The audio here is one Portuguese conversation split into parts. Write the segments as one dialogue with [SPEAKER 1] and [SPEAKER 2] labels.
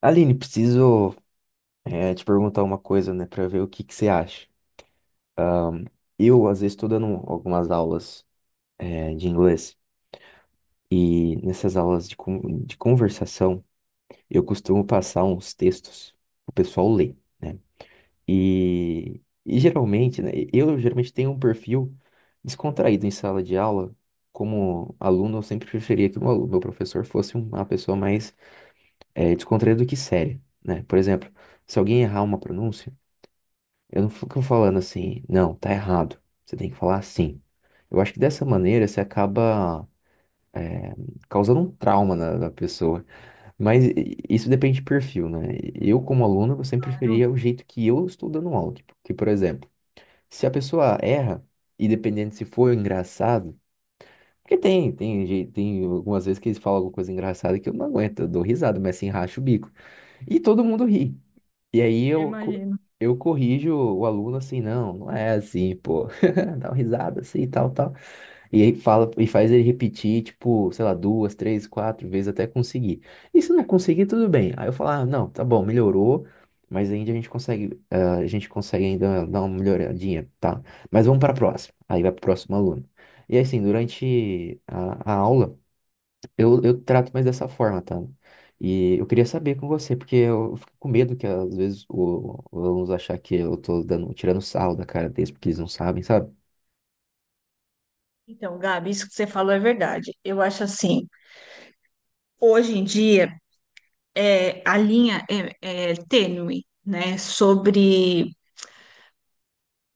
[SPEAKER 1] Aline, preciso te perguntar uma coisa, né, para ver o que que você acha. Eu, às vezes, estou dando algumas aulas de inglês e nessas aulas de, de conversação eu costumo passar uns textos pro pessoal ler, né? E geralmente, né, eu geralmente tenho um perfil descontraído em sala de aula. Como aluno, eu sempre preferia que o meu meu professor fosse uma pessoa mais descontraída do que séria, né? Por exemplo, se alguém errar uma pronúncia, eu não fico falando assim, não, tá errado. Você tem que falar assim. Eu acho que dessa maneira você acaba é, causando um trauma na pessoa. Mas isso depende de perfil, né? Eu, como aluno, eu sempre
[SPEAKER 2] Claro,
[SPEAKER 1] preferia o jeito que eu estou dando aula. Tipo, que, por exemplo, se a pessoa erra, e dependendo se for engraçado, porque tem algumas vezes que eles falam alguma coisa engraçada que eu não aguento, eu dou risada, mas assim, racho o bico. E todo mundo ri. E aí
[SPEAKER 2] eu imagino.
[SPEAKER 1] eu corrijo o aluno assim, não, não é assim, pô. Dá uma risada assim, tal, tal. E aí fala, e faz ele repetir, tipo, sei lá, duas, três, quatro vezes até conseguir. E se não conseguir, tudo bem. Aí eu falo, ah, não, tá bom, melhorou, mas ainda a gente consegue, ah, a gente consegue ainda dar uma melhoradinha, tá? Mas vamos para a próxima. Aí vai pro próximo aluno. E assim, durante a aula. Eu trato mais dessa forma, tá? E eu queria saber com você, porque eu fico com medo que às vezes os alunos achar que eu tô dando, tirando sarro da cara deles, porque eles não sabem, sabe?
[SPEAKER 2] Então, Gabi, isso que você falou é verdade. Eu acho assim, hoje em dia a linha é tênue, né? Sobre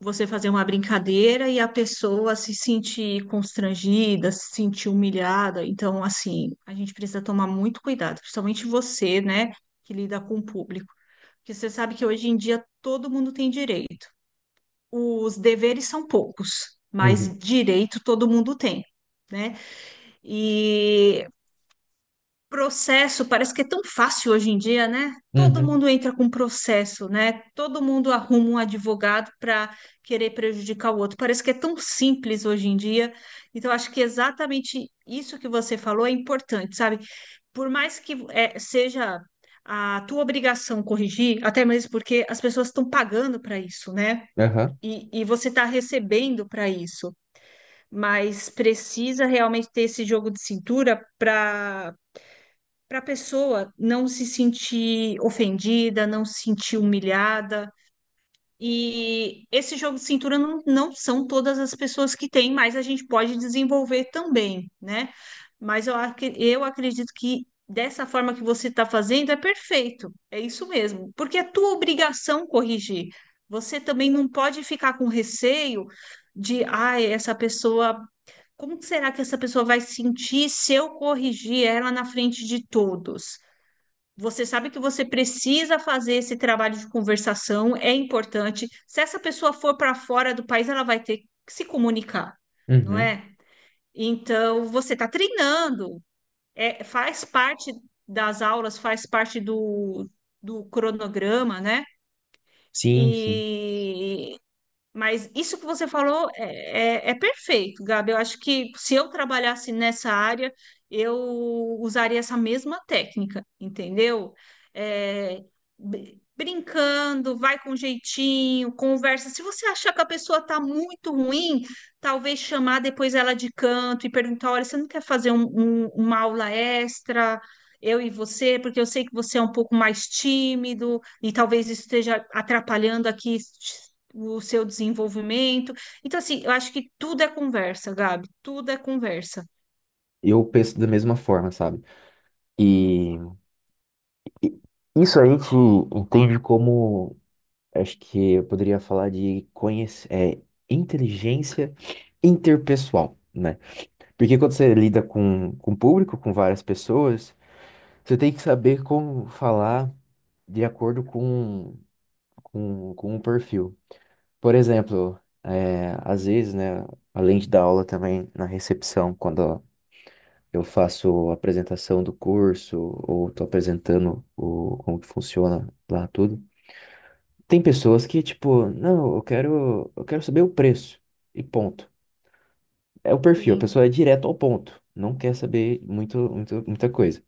[SPEAKER 2] você fazer uma brincadeira e a pessoa se sentir constrangida, se sentir humilhada. Então, assim, a gente precisa tomar muito cuidado, principalmente você, né, que lida com o público. Porque você sabe que hoje em dia todo mundo tem direito. Os deveres são poucos,
[SPEAKER 1] Uhum,
[SPEAKER 2] mas direito todo mundo tem, né? E processo, parece que é tão fácil hoje em dia, né? Todo
[SPEAKER 1] uhum,
[SPEAKER 2] mundo entra com processo, né? Todo mundo arruma um advogado para querer prejudicar o outro. Parece que é tão simples hoje em dia. Então, acho que exatamente isso que você falou é importante, sabe? Por mais que seja a tua obrigação corrigir, até mesmo porque as pessoas estão pagando para isso, né?
[SPEAKER 1] aham,
[SPEAKER 2] E você está recebendo para isso, mas precisa realmente ter esse jogo de cintura para para a pessoa não se sentir ofendida, não se sentir humilhada. E esse jogo de cintura não são todas as pessoas que têm, mas a gente pode desenvolver também, né? Mas eu acredito que dessa forma que você está fazendo é perfeito, é isso mesmo, porque é tua obrigação corrigir. Você também não pode ficar com receio de, ai, essa pessoa, como será que essa pessoa vai sentir se eu corrigir ela na frente de todos? Você sabe que você precisa fazer esse trabalho de conversação, é importante. Se essa pessoa for para fora do país, ela vai ter que se comunicar, não
[SPEAKER 1] uhum.
[SPEAKER 2] é? Então, você está treinando, faz parte das aulas, faz parte do cronograma, né?
[SPEAKER 1] Sim, sim.
[SPEAKER 2] E mas isso que você falou é perfeito, Gabi. Eu acho que se eu trabalhasse nessa área, eu usaria essa mesma técnica, entendeu? É, brincando, vai com jeitinho, conversa. Se você achar que a pessoa está muito ruim, talvez chamar depois ela de canto e perguntar: olha, você não quer fazer uma aula extra? Eu e você, porque eu sei que você é um pouco mais tímido e talvez isso esteja atrapalhando aqui o seu desenvolvimento. Então, assim, eu acho que tudo é conversa, Gabi, tudo é conversa.
[SPEAKER 1] Eu penso da mesma forma, sabe? E, e isso a gente entende como, acho que eu poderia falar de conhece, é, inteligência interpessoal, né? Porque quando você lida com o público, com várias pessoas, você tem que saber como falar de acordo com o perfil. Por exemplo, é, às vezes, né, além de dar aula também na recepção, quando eu faço a apresentação do curso ou estou apresentando como que funciona lá tudo, tem pessoas que, tipo, não, eu quero saber o preço e ponto. É o perfil, a
[SPEAKER 2] Sim,
[SPEAKER 1] pessoa é direto ao ponto, não quer saber muito, muito, muita coisa.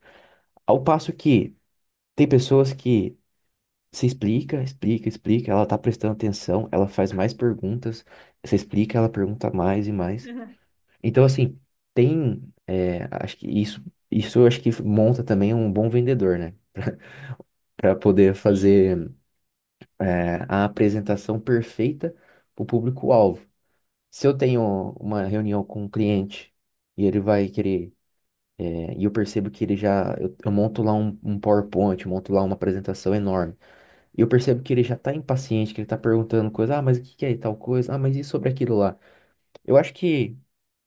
[SPEAKER 1] Ao passo que tem pessoas que você explica, explica, explica. Ela tá prestando atenção, ela faz mais perguntas. Você explica, ela pergunta mais e mais. Então, assim, tem. É, acho que isso eu acho que monta também um bom vendedor, né? Para poder
[SPEAKER 2] sim,
[SPEAKER 1] fazer é, a apresentação perfeita para o público-alvo. Se eu tenho uma reunião com um cliente e ele vai querer, é, e eu percebo que ele já. Eu monto lá um PowerPoint, eu monto lá uma apresentação enorme. E eu percebo que ele já tá impaciente, que ele tá perguntando coisa, ah, mas o que que é tal coisa? Ah, mas e sobre aquilo lá? Eu acho que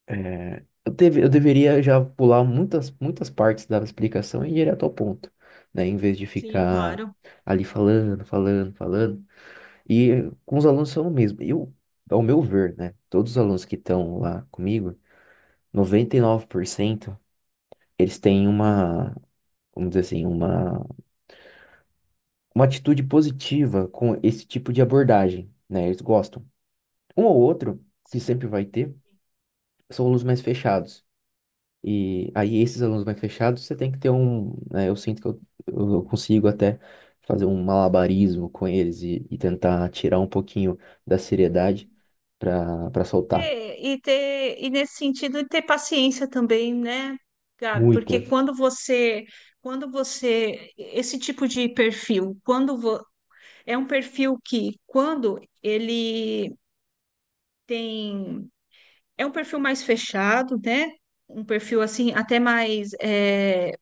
[SPEAKER 1] é, eu deveria já pular muitas, muitas partes da explicação e ir direto ao ponto, né? Em vez de
[SPEAKER 2] sim,
[SPEAKER 1] ficar
[SPEAKER 2] claro.
[SPEAKER 1] ali falando, falando, falando. E com os alunos são o mesmo. Eu, ao meu ver, né? Todos os alunos que estão lá comigo, 99% eles têm uma, vamos dizer assim, uma atitude positiva com esse tipo de abordagem, né? Eles gostam. Um ou outro, que
[SPEAKER 2] Sim.
[SPEAKER 1] sempre vai ter, são alunos mais fechados. E aí, esses alunos mais fechados, você tem que ter um. Né, eu sinto que eu consigo até fazer um malabarismo com eles e tentar tirar um pouquinho da seriedade para soltar.
[SPEAKER 2] E ter, e nesse sentido, ter paciência também, né, Gabi? Porque
[SPEAKER 1] Muita.
[SPEAKER 2] quando você, esse tipo de perfil, é um perfil que, tem, é um perfil mais fechado, né? Um perfil assim, até mais, é,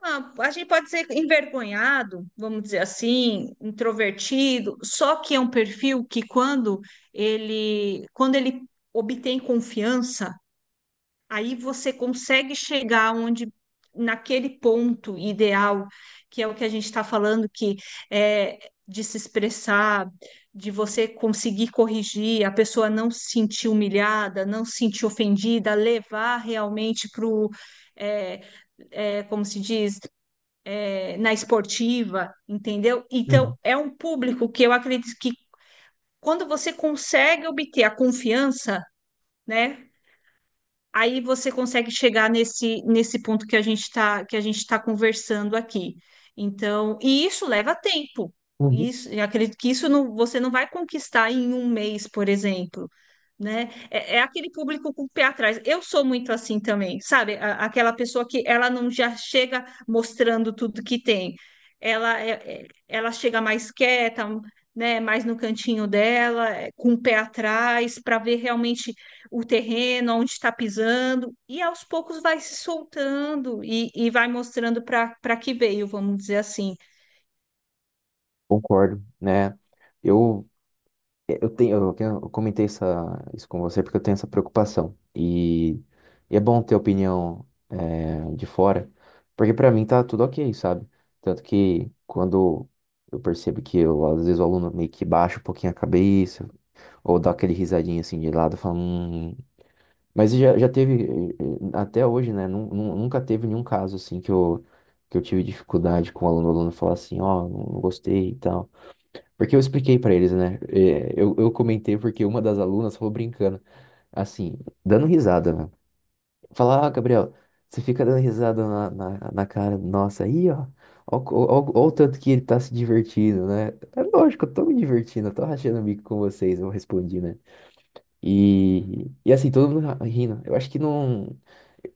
[SPEAKER 2] ah, a gente pode ser envergonhado, vamos dizer assim, introvertido, só que é um perfil que quando ele obtém confiança, aí você consegue chegar onde naquele ponto ideal, que é o que a gente está falando, que é de se expressar, de você conseguir corrigir, a pessoa não se sentir humilhada, não se sentir ofendida, levar realmente para o, como se diz? É, na esportiva, entendeu? Então,
[SPEAKER 1] Uhum.
[SPEAKER 2] é um público que eu acredito que quando você consegue obter a confiança, né, aí você consegue chegar nesse ponto que a gente está que a gente está conversando aqui. Então, e isso leva tempo.
[SPEAKER 1] Uhum.
[SPEAKER 2] Isso, eu acredito que você não vai conquistar em um mês, por exemplo, né? É aquele público com o pé atrás. Eu sou muito assim também, sabe? Aquela pessoa que ela não já chega mostrando tudo que tem. Ela, é- ela chega mais quieta, né? Mais no cantinho dela, é, com o pé atrás, para ver realmente o terreno, onde está pisando, e aos poucos vai se soltando e vai mostrando para para que veio, vamos dizer assim.
[SPEAKER 1] Concordo, né? Eu é, eu comentei isso com você porque eu tenho essa preocupação. E é bom ter opinião de fora, porque pra mim tá tudo ok, sabe? Tanto que quando eu percebo que eu, às vezes o aluno meio que baixa um pouquinho a cabeça, ou dá aquele risadinho assim de lado, fala, Mas já teve, até hoje, né? Nunca teve nenhum caso assim que que eu tive dificuldade com o aluno falar assim, ó, não gostei e tal. Porque eu expliquei pra eles, né? É, eu comentei porque uma das alunas falou brincando, assim, dando risada, né? Falar, ah, Gabriel, você fica dando risada na cara nossa aí, ó. Ó o tanto que ele tá se divertindo, né? É lógico, eu tô me divertindo, eu tô rachando o bico com vocês, eu respondi, né? E assim, todo mundo rindo. Eu acho que não.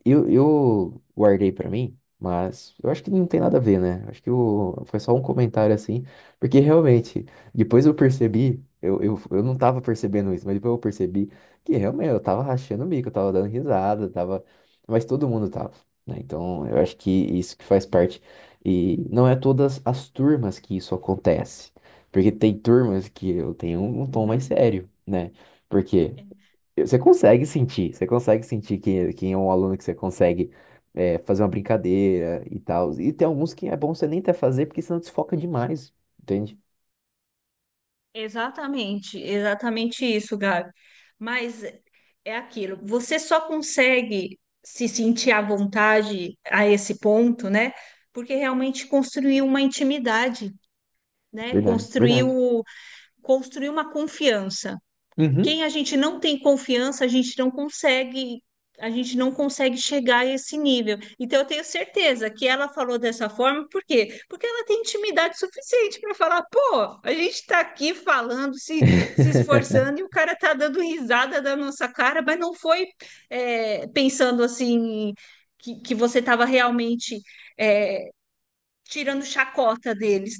[SPEAKER 1] Eu guardei pra mim, mas eu acho que não tem nada a ver, né? Acho que o foi só um comentário assim, porque realmente, depois eu percebi, eu não tava percebendo isso, mas depois eu percebi que realmente eu tava rachando o bico, eu tava dando risada, tava, mas todo mundo tava, né? Então eu acho que isso que faz parte, e não é todas as turmas que isso acontece, porque tem turmas que eu tenho um tom mais
[SPEAKER 2] Uhum.
[SPEAKER 1] sério, né? Por quê? Você consegue sentir quem é um aluno que você consegue é, fazer uma brincadeira e tal. E tem alguns que é bom você nem até fazer, porque senão desfoca demais, entende?
[SPEAKER 2] Exatamente, exatamente isso, Gabi. Mas é aquilo, você só consegue se sentir à vontade a esse ponto, né? Porque realmente construiu uma intimidade, né?
[SPEAKER 1] Verdade, verdade.
[SPEAKER 2] Construiu, construiu uma confiança.
[SPEAKER 1] Uhum.
[SPEAKER 2] Quem a gente não tem confiança, a gente não consegue, a gente não consegue chegar a esse nível. Então eu tenho certeza que ela falou dessa forma, por quê? Porque ela tem intimidade suficiente para falar, pô, a gente está aqui falando, se esforçando, e o cara tá dando risada da nossa cara, mas não foi pensando assim que você estava realmente tirando chacota deles.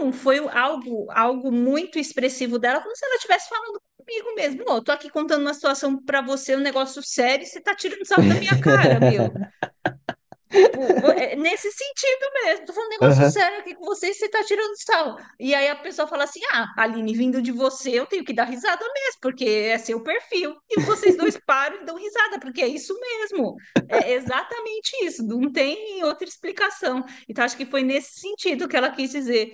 [SPEAKER 2] Não, foi algo, algo muito expressivo dela, como se ela estivesse falando comigo mesmo. Ô, eu tô aqui contando uma situação pra você, um negócio sério, e você tá tirando sarro da minha cara, meu. Tipo, é nesse sentido mesmo. Tô falando um negócio
[SPEAKER 1] Aham.
[SPEAKER 2] sério aqui com vocês, você tá tirando sarro. E aí a pessoa fala assim: ah, Aline, vindo de você, eu tenho que dar risada mesmo, porque é seu perfil. E vocês dois param e dão risada, porque é isso mesmo. É exatamente isso. Não tem outra explicação. Então, acho que foi nesse sentido que ela quis dizer.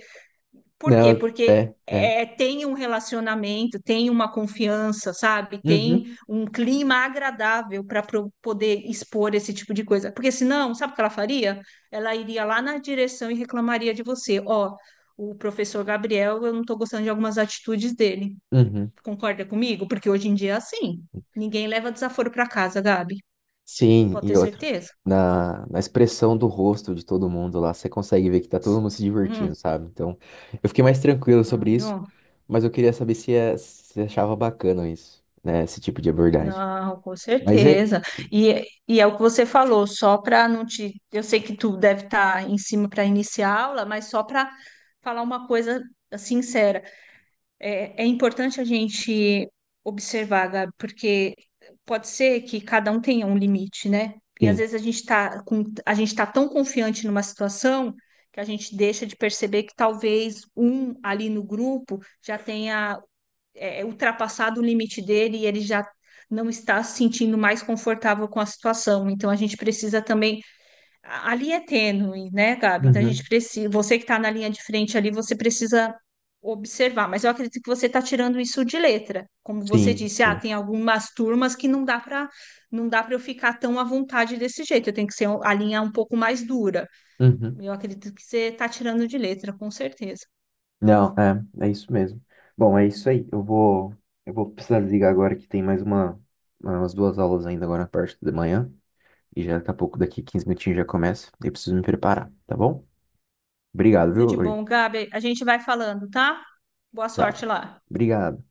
[SPEAKER 2] Por quê?
[SPEAKER 1] Não,
[SPEAKER 2] Porque
[SPEAKER 1] é, é.
[SPEAKER 2] é, tem um relacionamento, tem uma confiança, sabe?
[SPEAKER 1] Uhum,
[SPEAKER 2] Tem um clima agradável para poder expor esse tipo de coisa. Porque senão, sabe o que ela faria? Ela iria lá na direção e reclamaria de você. Ó, o professor Gabriel, eu não estou gostando de algumas atitudes dele.
[SPEAKER 1] uhum.
[SPEAKER 2] Concorda comigo? Porque hoje em dia é assim. Ninguém leva desaforo para casa, Gabi.
[SPEAKER 1] Sim,
[SPEAKER 2] Pode ter
[SPEAKER 1] e outra.
[SPEAKER 2] certeza.
[SPEAKER 1] Na expressão do rosto de todo mundo lá, você consegue ver que tá todo mundo se
[SPEAKER 2] Hum,
[SPEAKER 1] divertindo, sabe? Então, eu fiquei mais tranquilo sobre isso.
[SPEAKER 2] caralho.
[SPEAKER 1] Mas eu queria saber se, é, se achava bacana isso, né? Esse tipo de abordagem.
[SPEAKER 2] Não, com
[SPEAKER 1] Mas é.
[SPEAKER 2] certeza. E é o que você falou, só para não te. Eu sei que tu deve estar em cima para iniciar a aula, mas só para falar uma coisa sincera. É, é importante a gente observar, Gabi, porque pode ser que cada um tenha um limite, né? E às
[SPEAKER 1] Sim.
[SPEAKER 2] vezes a gente está com, a gente está tão confiante numa situação que a gente deixa de perceber que talvez um ali no grupo já tenha é ultrapassado o limite dele e ele já não está se sentindo mais confortável com a situação. Então a gente precisa também. Ali é tênue, né, Gabi? Então a gente
[SPEAKER 1] Uhum.
[SPEAKER 2] precisa. Você que está na linha de frente ali, você precisa observar. Mas eu acredito que você está tirando isso de letra. Como você
[SPEAKER 1] Sim,
[SPEAKER 2] disse, ah,
[SPEAKER 1] sim.
[SPEAKER 2] tem algumas turmas que não dá para eu ficar tão à vontade desse jeito. Eu tenho que ser um, a linha um pouco mais dura.
[SPEAKER 1] Uhum.
[SPEAKER 2] Eu acredito que você está tirando de letra, com certeza.
[SPEAKER 1] Não, é, é isso mesmo. Bom, é isso aí. Eu vou precisar desligar agora que tem mais uma, umas 2 aulas ainda agora na parte da manhã. E já daqui a pouco, daqui 15 minutinhos já começa. Eu preciso me preparar, tá bom? Obrigado,
[SPEAKER 2] Tudo
[SPEAKER 1] viu?
[SPEAKER 2] de
[SPEAKER 1] Uri?
[SPEAKER 2] bom, Gabi. A gente vai falando, tá? Boa sorte
[SPEAKER 1] Tá.
[SPEAKER 2] lá.
[SPEAKER 1] Obrigado.